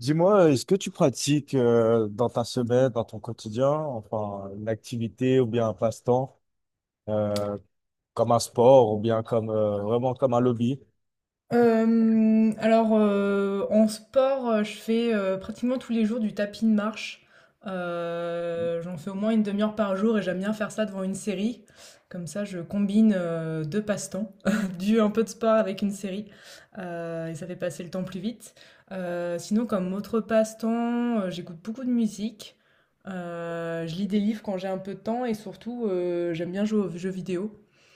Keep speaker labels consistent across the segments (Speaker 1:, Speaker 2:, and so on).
Speaker 1: Dis-moi, est-ce que tu pratiques dans ta semaine, dans ton quotidien, enfin une activité ou bien un passe-temps, euh, comme un sport ou bien comme vraiment comme un lobby?
Speaker 2: En sport, je fais, pratiquement tous les jours du tapis de marche. J'en fais au moins 1/2 heure par jour et j'aime bien faire ça devant une série. Comme ça, je combine, 2 passe-temps, du un peu de sport avec une série, et ça fait passer le temps plus vite. Sinon comme autre passe-temps, j'écoute beaucoup de musique. Je lis des livres quand j'ai un peu de temps et surtout, j'aime bien jouer aux jeux vidéo.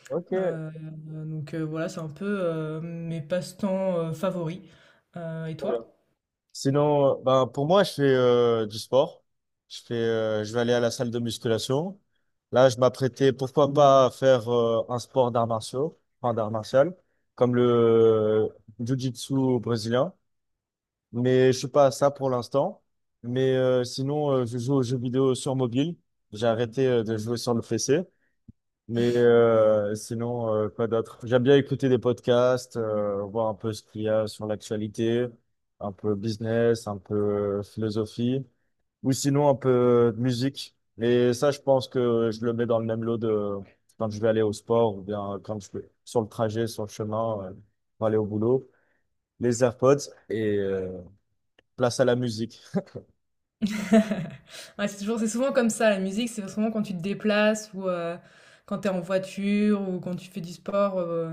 Speaker 1: Ok, très
Speaker 2: Heu, donc voilà, c'est un peu, mes passe-temps, favoris. Et
Speaker 1: bien.
Speaker 2: toi?
Speaker 1: Sinon, ben pour moi, je fais du sport. Je vais aller à la salle de musculation. Là, je m'apprêtais, pourquoi pas, à faire un sport d'arts martiaux, enfin d'art martial, comme le jiu-jitsu brésilien. Mais je suis pas à ça pour l'instant. Mais sinon, je joue aux jeux vidéo sur mobile. J'ai arrêté de jouer sur le PC. Mais sinon, quoi d'autre? J'aime bien écouter des podcasts, voir un peu ce qu'il y a sur l'actualité, un peu business, un peu philosophie, ou sinon un peu de musique. Et ça, je pense que je le mets dans le même lot de quand je vais aller au sport ou bien quand je vais sur le trajet, sur le chemin, pour aller au boulot. Les AirPods et place à la musique.
Speaker 2: Ouais, c'est souvent comme ça, la musique, c'est souvent quand tu te déplaces ou quand tu es en voiture ou quand tu fais du sport,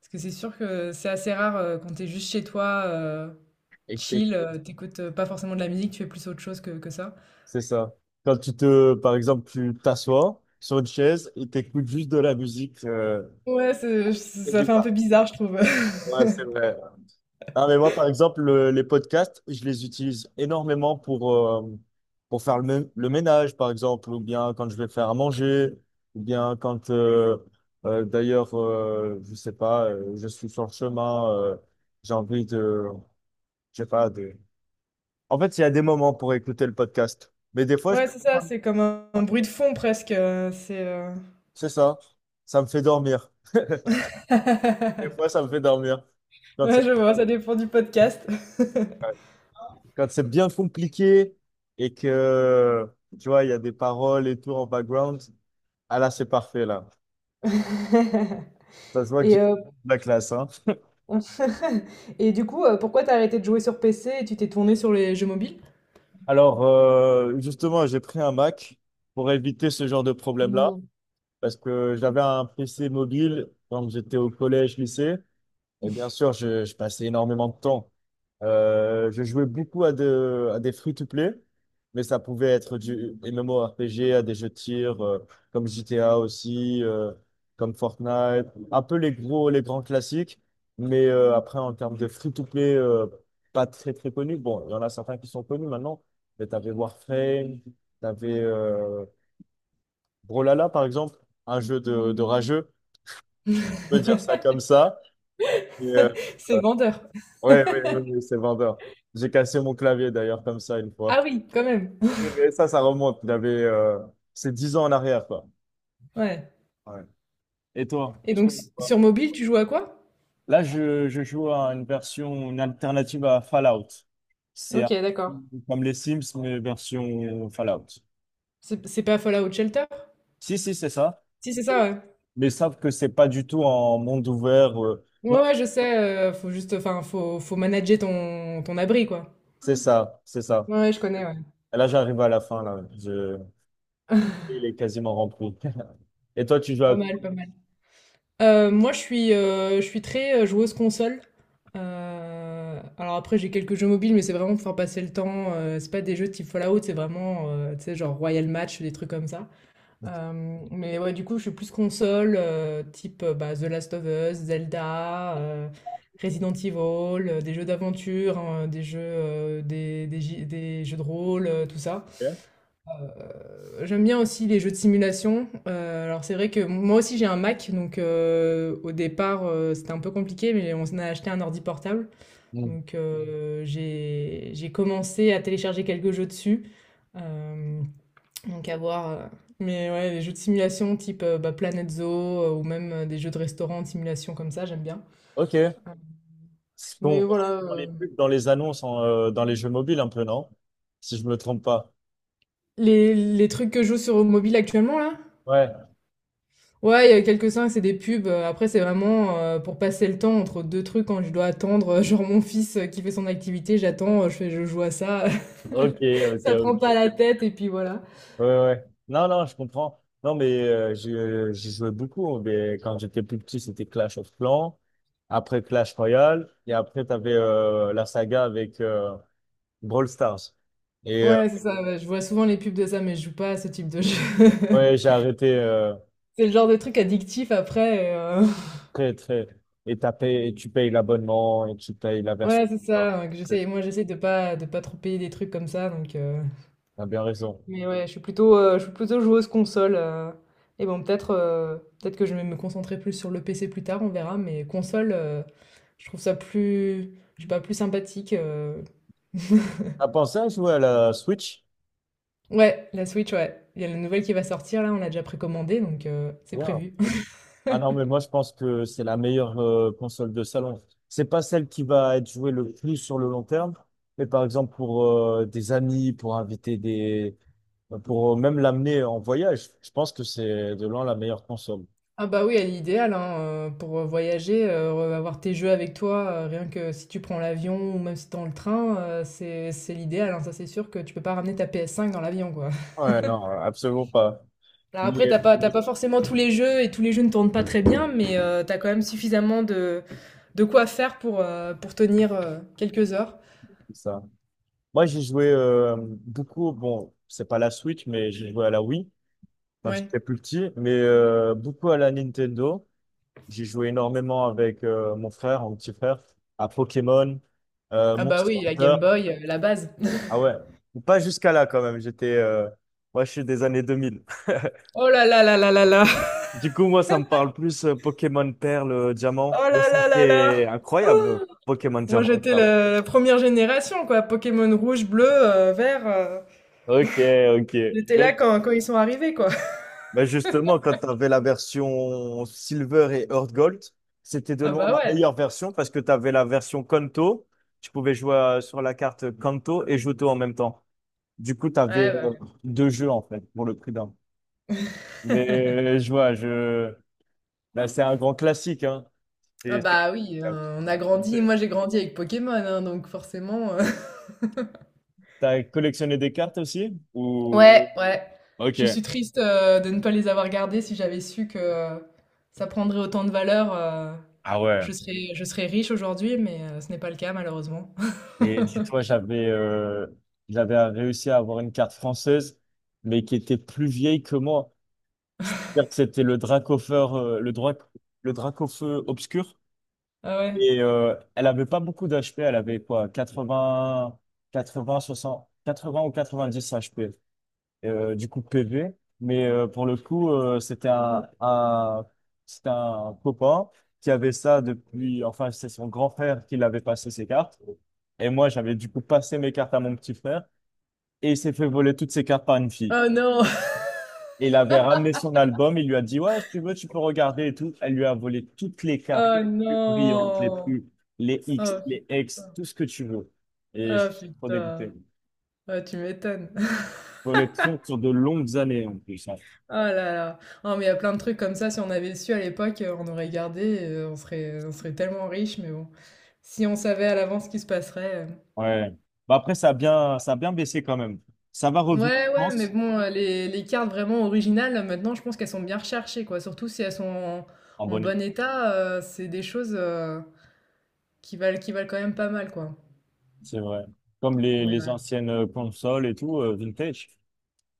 Speaker 2: parce que c'est sûr que c'est assez rare, quand tu es juste chez toi,
Speaker 1: Et
Speaker 2: chill,
Speaker 1: t'écoutes.
Speaker 2: tu écoutes, pas forcément de la musique, tu fais plus autre chose que ça.
Speaker 1: C'est ça. Quand tu te, par exemple, tu t'assois sur une chaise et t'écoutes juste de la musique,
Speaker 2: Ouais, c'est ça fait un
Speaker 1: régulière.
Speaker 2: peu bizarre, je trouve.
Speaker 1: Ouais, c'est vrai. Ah, mais moi, par exemple, les podcasts, je les utilise énormément pour faire le, le ménage, par exemple, ou bien quand je vais faire à manger, ou bien quand, d'ailleurs, je sais pas, je suis sur le chemin, j'ai envie de, je sais pas. En fait, il y a des moments pour écouter le podcast. Mais des fois,
Speaker 2: Ouais, c'est ça, c'est comme un bruit de fond presque, c'est,
Speaker 1: c'est ça. Ça me fait dormir. Des fois, ça me fait dormir. Quand
Speaker 2: Ouais,
Speaker 1: c'est,
Speaker 2: je vois, ça dépend du podcast.
Speaker 1: ouais, quand c'est bien compliqué et que, tu vois, il y a des paroles et tout en background, ah là, c'est parfait, là. Ça se voit que j'ai
Speaker 2: Et,
Speaker 1: la classe, hein.
Speaker 2: on- et du coup, pourquoi t'as arrêté de jouer sur PC et tu t'es tourné sur les jeux mobiles?
Speaker 1: Alors, justement, j'ai pris un Mac pour éviter ce genre de problème-là
Speaker 2: Ou-
Speaker 1: parce que j'avais un PC mobile quand j'étais au collège, lycée. Et bien sûr, je passais énormément de temps. Je jouais beaucoup à des free-to-play, mais ça pouvait être du MMORPG, à des jeux de tir, comme G T A aussi, comme Fortnite, un peu les gros, les grands classiques. Mais après, en termes de free-to-play, pas très très connus. Bon, il y en a certains qui sont connus maintenant, mais t'avais Warframe, t'avais Brawlhalla, par exemple, un jeu de rageux, on peut dire ça comme ça. Et, euh,
Speaker 2: C'est vendeur.
Speaker 1: Ouais, ouais, ouais, ouais, c'est vendeur. J'ai cassé mon clavier d'ailleurs comme ça une fois.
Speaker 2: Ah oui, quand même.
Speaker 1: Ouais, mais ça remonte. J'avais, c'est 10 ans en arrière, quoi.
Speaker 2: Ouais.
Speaker 1: Ouais. Et toi?
Speaker 2: Et
Speaker 1: Tu fais
Speaker 2: donc,
Speaker 1: quoi?
Speaker 2: sur mobile, tu joues à quoi?
Speaker 1: Là, je joue à une version, une alternative à Fallout. C'est
Speaker 2: Ok,
Speaker 1: un-
Speaker 2: d'accord.
Speaker 1: Comme les Sims, mais version Fallout.
Speaker 2: C'est pas Fallout Shelter?
Speaker 1: Si, si, c'est ça.
Speaker 2: Si, c'est ça, ouais.
Speaker 1: Mais sauf que c'est pas du tout en monde ouvert, non,
Speaker 2: Ouais, ouais, je sais. Faut juste, enfin, faut manager ton, ton abri, quoi.
Speaker 1: c'est ça, c'est ça.
Speaker 2: Ouais, ouais, je connais, ouais.
Speaker 1: Et là, j'arrive à la fin, là. Il est quasiment rempli. Et toi, tu joues à...
Speaker 2: Pas
Speaker 1: Ok.
Speaker 2: mal, pas mal. Moi, je suis très joueuse console. Alors après, j'ai quelques jeux mobiles, mais c'est vraiment pour faire passer le temps. C'est pas des jeux type Fallout, c'est vraiment, tu sais, genre Royal Match, des trucs comme ça. Mais ouais, du coup, je suis plus console, type bah, The Last of Us, Zelda, Resident Evil, des jeux d'aventure, hein, des jeux, des jeux de rôle, tout ça. J'aime bien aussi les jeux de simulation. Alors c'est vrai que moi aussi j'ai un Mac, donc au départ c'était un peu compliqué, mais on a acheté un ordi portable.
Speaker 1: Mm.
Speaker 2: Donc j'ai commencé à télécharger quelques jeux dessus. Euh, donc à voir. Mais ouais, les jeux de simulation type bah, Planet Zoo ou même des jeux de restaurant de simulation comme ça, j'aime bien.
Speaker 1: Ok.
Speaker 2: Euh,
Speaker 1: Ce qu'on
Speaker 2: Mais
Speaker 1: voit
Speaker 2: voilà,
Speaker 1: dans les pubs, dans les annonces, dans les jeux mobiles un peu, non? Si je me trompe pas.
Speaker 2: les trucs que je joue sur mobile actuellement là,
Speaker 1: Ouais.
Speaker 2: ouais, il y a quelques-uns, c'est des pubs. Après, c'est vraiment pour passer le temps entre deux trucs quand je dois attendre. Genre mon fils qui fait son activité, j'attends, je joue à ça.
Speaker 1: Ok, ok,
Speaker 2: Ça prend pas
Speaker 1: ok.
Speaker 2: la tête et puis voilà.
Speaker 1: Ouais, ouais, ouais. Non, non, je comprends. Non, mais j'y jouais beaucoup. Mais quand j'étais plus petit, c'était Clash of Clans. Après Clash Royale. Et après, tu avais la saga avec Brawl Stars. Et
Speaker 2: Ouais, c'est ça. Ouais, je vois souvent les pubs de ça, mais je joue pas à ce type de jeu.
Speaker 1: ouais, j'ai arrêté
Speaker 2: C'est le genre de truc addictif après.
Speaker 1: très, très. Et, et tu payes l'abonnement et tu payes la version.
Speaker 2: Ouais, c'est ça. Que j'essaie. Moi, j'essaie de pas trop payer des trucs comme ça, donc.
Speaker 1: T'as bien raison.
Speaker 2: Mais ouais, je suis plutôt joueuse console. Et bon, peut-être que je vais me concentrer plus sur le PC plus tard, on verra. Mais console, je trouve ça plus, je sais pas, plus sympathique.
Speaker 1: T'as pensé à jouer à la Switch?
Speaker 2: Ouais, la Switch, ouais. Il y a la nouvelle qui va sortir, là, on l'a déjà précommandée, donc c'est prévu.
Speaker 1: Ah non, mais moi je pense que c'est la meilleure console de salon. C'est pas celle qui va être jouée le plus sur le long terme, mais par exemple pour des amis, pour inviter des, pour même l'amener en voyage, je pense que c'est de loin la meilleure console.
Speaker 2: Ah bah oui, elle est idéale hein, pour voyager, avoir tes jeux avec toi, rien que si tu prends l'avion ou même si t'es dans le train, c'est l'idéal, hein, ça c'est sûr que tu peux pas ramener ta PS5 dans l'avion, quoi.
Speaker 1: Ouais, non, absolument pas.
Speaker 2: Alors
Speaker 1: Mais
Speaker 2: après, t'as pas forcément tous les jeux et tous les jeux ne tournent pas très bien, mais t'as quand même suffisamment de quoi faire pour tenir quelques heures.
Speaker 1: c'est ça. Moi j'ai joué beaucoup, bon, c'est pas la Switch, mais j'ai joué à la Wii quand
Speaker 2: Ouais.
Speaker 1: j'étais plus petit, mais beaucoup à la Nintendo. J'ai joué énormément avec mon frère, mon petit frère, à Pokémon,
Speaker 2: Ah bah
Speaker 1: Monster
Speaker 2: oui, la
Speaker 1: Hunter.
Speaker 2: Game Boy, la base.
Speaker 1: Ah ouais, pas jusqu'à là quand même. J'étais, moi, je suis des années 2000.
Speaker 2: Oh là là là là là là.
Speaker 1: Du coup, moi, ça me parle plus Pokémon Perle, Diamant.
Speaker 2: Oh
Speaker 1: Mais
Speaker 2: là là là
Speaker 1: c'était
Speaker 2: là.
Speaker 1: incroyable, Pokémon
Speaker 2: Moi,
Speaker 1: Diamant et
Speaker 2: j'étais
Speaker 1: Perle.
Speaker 2: la première génération, quoi. Pokémon rouge, bleu, vert.
Speaker 1: Ok, ok.
Speaker 2: J'étais là
Speaker 1: Mais
Speaker 2: quand ils sont arrivés, quoi.
Speaker 1: bah justement, quand tu avais la version Silver et Earth Gold, c'était de
Speaker 2: Ah
Speaker 1: loin
Speaker 2: bah
Speaker 1: ma
Speaker 2: ouais.
Speaker 1: meilleure version parce que tu avais la version Kanto. Tu pouvais jouer sur la carte Kanto et Johto en même temps. Du coup, tu avais
Speaker 2: Ouais, bah.
Speaker 1: deux jeux en fait pour le prix d'un. Mais je vois. Bah, c'est un grand classique, hein.
Speaker 2: Ah
Speaker 1: C'est-
Speaker 2: bah oui, on a grandi.
Speaker 1: c'est-
Speaker 2: Moi, j'ai grandi avec Pokémon, hein, donc forcément.
Speaker 1: T'as collectionné des cartes aussi? Ou.
Speaker 2: Ouais, ouais.
Speaker 1: Ok.
Speaker 2: Je suis triste de ne pas les avoir gardés. Si j'avais su que ça prendrait autant de valeur,
Speaker 1: Ah ouais.
Speaker 2: je serais riche aujourd'hui, mais ce n'est pas le cas malheureusement.
Speaker 1: Et dis-toi, j'avais réussi à avoir une carte française, mais qui était plus vieille que moi. C'est-à-dire que c'était le Dracofeu, le Dracofeu obscur.
Speaker 2: Ah ouais.
Speaker 1: Et elle avait pas beaucoup d'HP, elle avait quoi, 80, 80, 60, 80 ou 90 HP, du coup PV. Mais pour le coup, c'était un copain qui avait ça depuis, enfin c'est son grand frère qui l'avait passé ses cartes. Et moi, j'avais du coup passé mes cartes à mon petit frère et il s'est fait voler toutes ses cartes par une fille.
Speaker 2: Oh non!
Speaker 1: Et il avait ramené son album, il lui a dit, ouais, si tu veux, tu peux regarder et tout. Elle lui a volé toutes les cartes
Speaker 2: Oh
Speaker 1: les plus brillantes, les
Speaker 2: non!
Speaker 1: plus,
Speaker 2: Oh
Speaker 1: les X,
Speaker 2: putain.
Speaker 1: tout ce que tu veux. Et
Speaker 2: Oh
Speaker 1: j'étais trop dégoûté.
Speaker 2: putain. Ah, tu m'étonnes.
Speaker 1: Collection sur de longues années en plus, hein.
Speaker 2: Oh là là. Oh, mais il y a plein de trucs comme ça. Si on avait su à l'époque, on aurait gardé. On serait, on serait tellement riche. Mais bon, si on savait à l'avance ce qui se passerait.
Speaker 1: Ouais. Bah après, ça a bien baissé quand même. Ça va revenir, je
Speaker 2: Ouais, ouais, mais
Speaker 1: pense,
Speaker 2: bon, les cartes vraiment originales, maintenant, je pense qu'elles sont bien recherchées, quoi. Surtout si elles sont en
Speaker 1: en
Speaker 2: en
Speaker 1: bonne et due,
Speaker 2: bon état, c'est des choses, qui valent quand même pas mal, quoi.
Speaker 1: c'est vrai. Comme les,
Speaker 2: Mais,
Speaker 1: les
Speaker 2: heu,
Speaker 1: anciennes consoles et tout, vintage,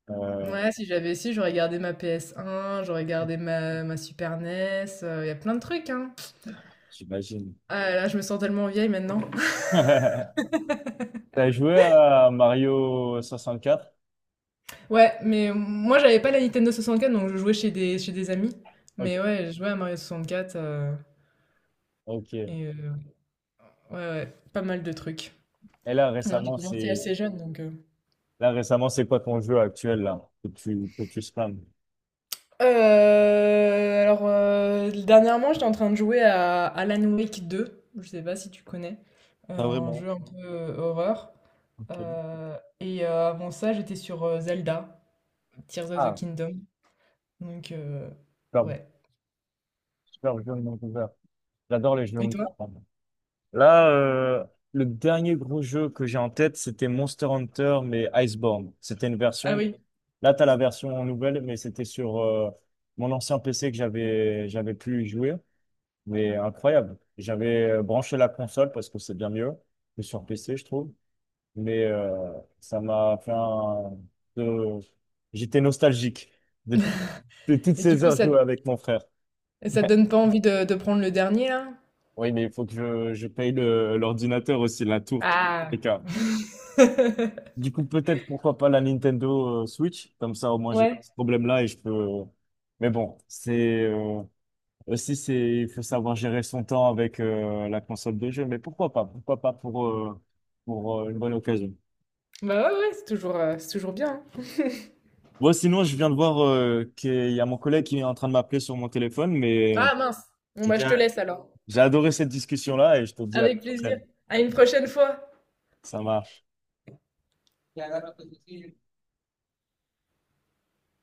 Speaker 1: Euh,
Speaker 2: ouais, si j'avais si, j'aurais gardé ma PS1, j'aurais gardé ma Super NES, il y a plein de trucs, hein.
Speaker 1: j'imagine.
Speaker 2: Ah là je me sens tellement vieille maintenant.
Speaker 1: T'as joué à Mario 64?
Speaker 2: Ouais, mais moi, j'avais pas la Nintendo 64, donc je jouais chez des amis.
Speaker 1: Ok.
Speaker 2: Mais ouais, je jouais à Mario 64,
Speaker 1: Ok.
Speaker 2: et heu, ouais, ouais, pas mal de trucs.
Speaker 1: Et
Speaker 2: Non, j'ai commencé assez jeune, donc,
Speaker 1: là récemment, c'est quoi ton jeu actuel là que tu spams?
Speaker 2: Alors, dernièrement, j'étais en train de jouer à Alan Wake deux. Je sais pas si tu connais.
Speaker 1: Pas
Speaker 2: Un
Speaker 1: vraiment.
Speaker 2: jeu un peu horreur.
Speaker 1: Ok.
Speaker 2: Avant ça, j'étais sur Zelda, Tears of the
Speaker 1: Ah,
Speaker 2: Kingdom. Donc,
Speaker 1: super,
Speaker 2: ouais.
Speaker 1: super jeu de monde ouvert. J'adore les jeux de
Speaker 2: Et
Speaker 1: monde
Speaker 2: toi?
Speaker 1: ouvert. Là, le dernier gros jeu que j'ai en tête, c'était Monster Hunter, mais Iceborne. C'était une
Speaker 2: Ah
Speaker 1: version.
Speaker 2: oui.
Speaker 1: Là, tu as la version nouvelle, mais c'était sur mon ancien PC que j'avais pu y jouer. Mais incroyable. J'avais branché la console parce que c'est bien mieux que sur PC, je trouve. Mais ça m'a fait un... de- j'étais nostalgique de, de toutes
Speaker 2: Et du
Speaker 1: ces
Speaker 2: coup,
Speaker 1: heures
Speaker 2: ça,
Speaker 1: jouées avec mon frère.
Speaker 2: ça te donne pas envie de prendre le dernier, là?
Speaker 1: Oui, mais il faut que je paye l'ordinateur aussi, la tour,
Speaker 2: Ah!
Speaker 1: les cas. Du coup, peut-être pourquoi pas la Nintendo Switch, comme ça au moins j'ai pas
Speaker 2: Ouais.
Speaker 1: ce problème-là et je peux. Mais bon, c'est aussi c'est il faut savoir gérer son temps avec la console de jeu, mais pourquoi pas pour une bonne occasion.
Speaker 2: Bah ouais, ouais, c'est toujours bien. Hein.
Speaker 1: Ouais, sinon, je viens de voir qu'il y a mon collègue qui est en train de m'appeler sur mon téléphone, mais
Speaker 2: Ah mince. Bon,
Speaker 1: j'ai
Speaker 2: bah, je te laisse alors.
Speaker 1: j'ai adoré cette discussion-là et je te dis à la
Speaker 2: Avec plaisir.
Speaker 1: prochaine.
Speaker 2: À une prochaine fois.
Speaker 1: Ça marche.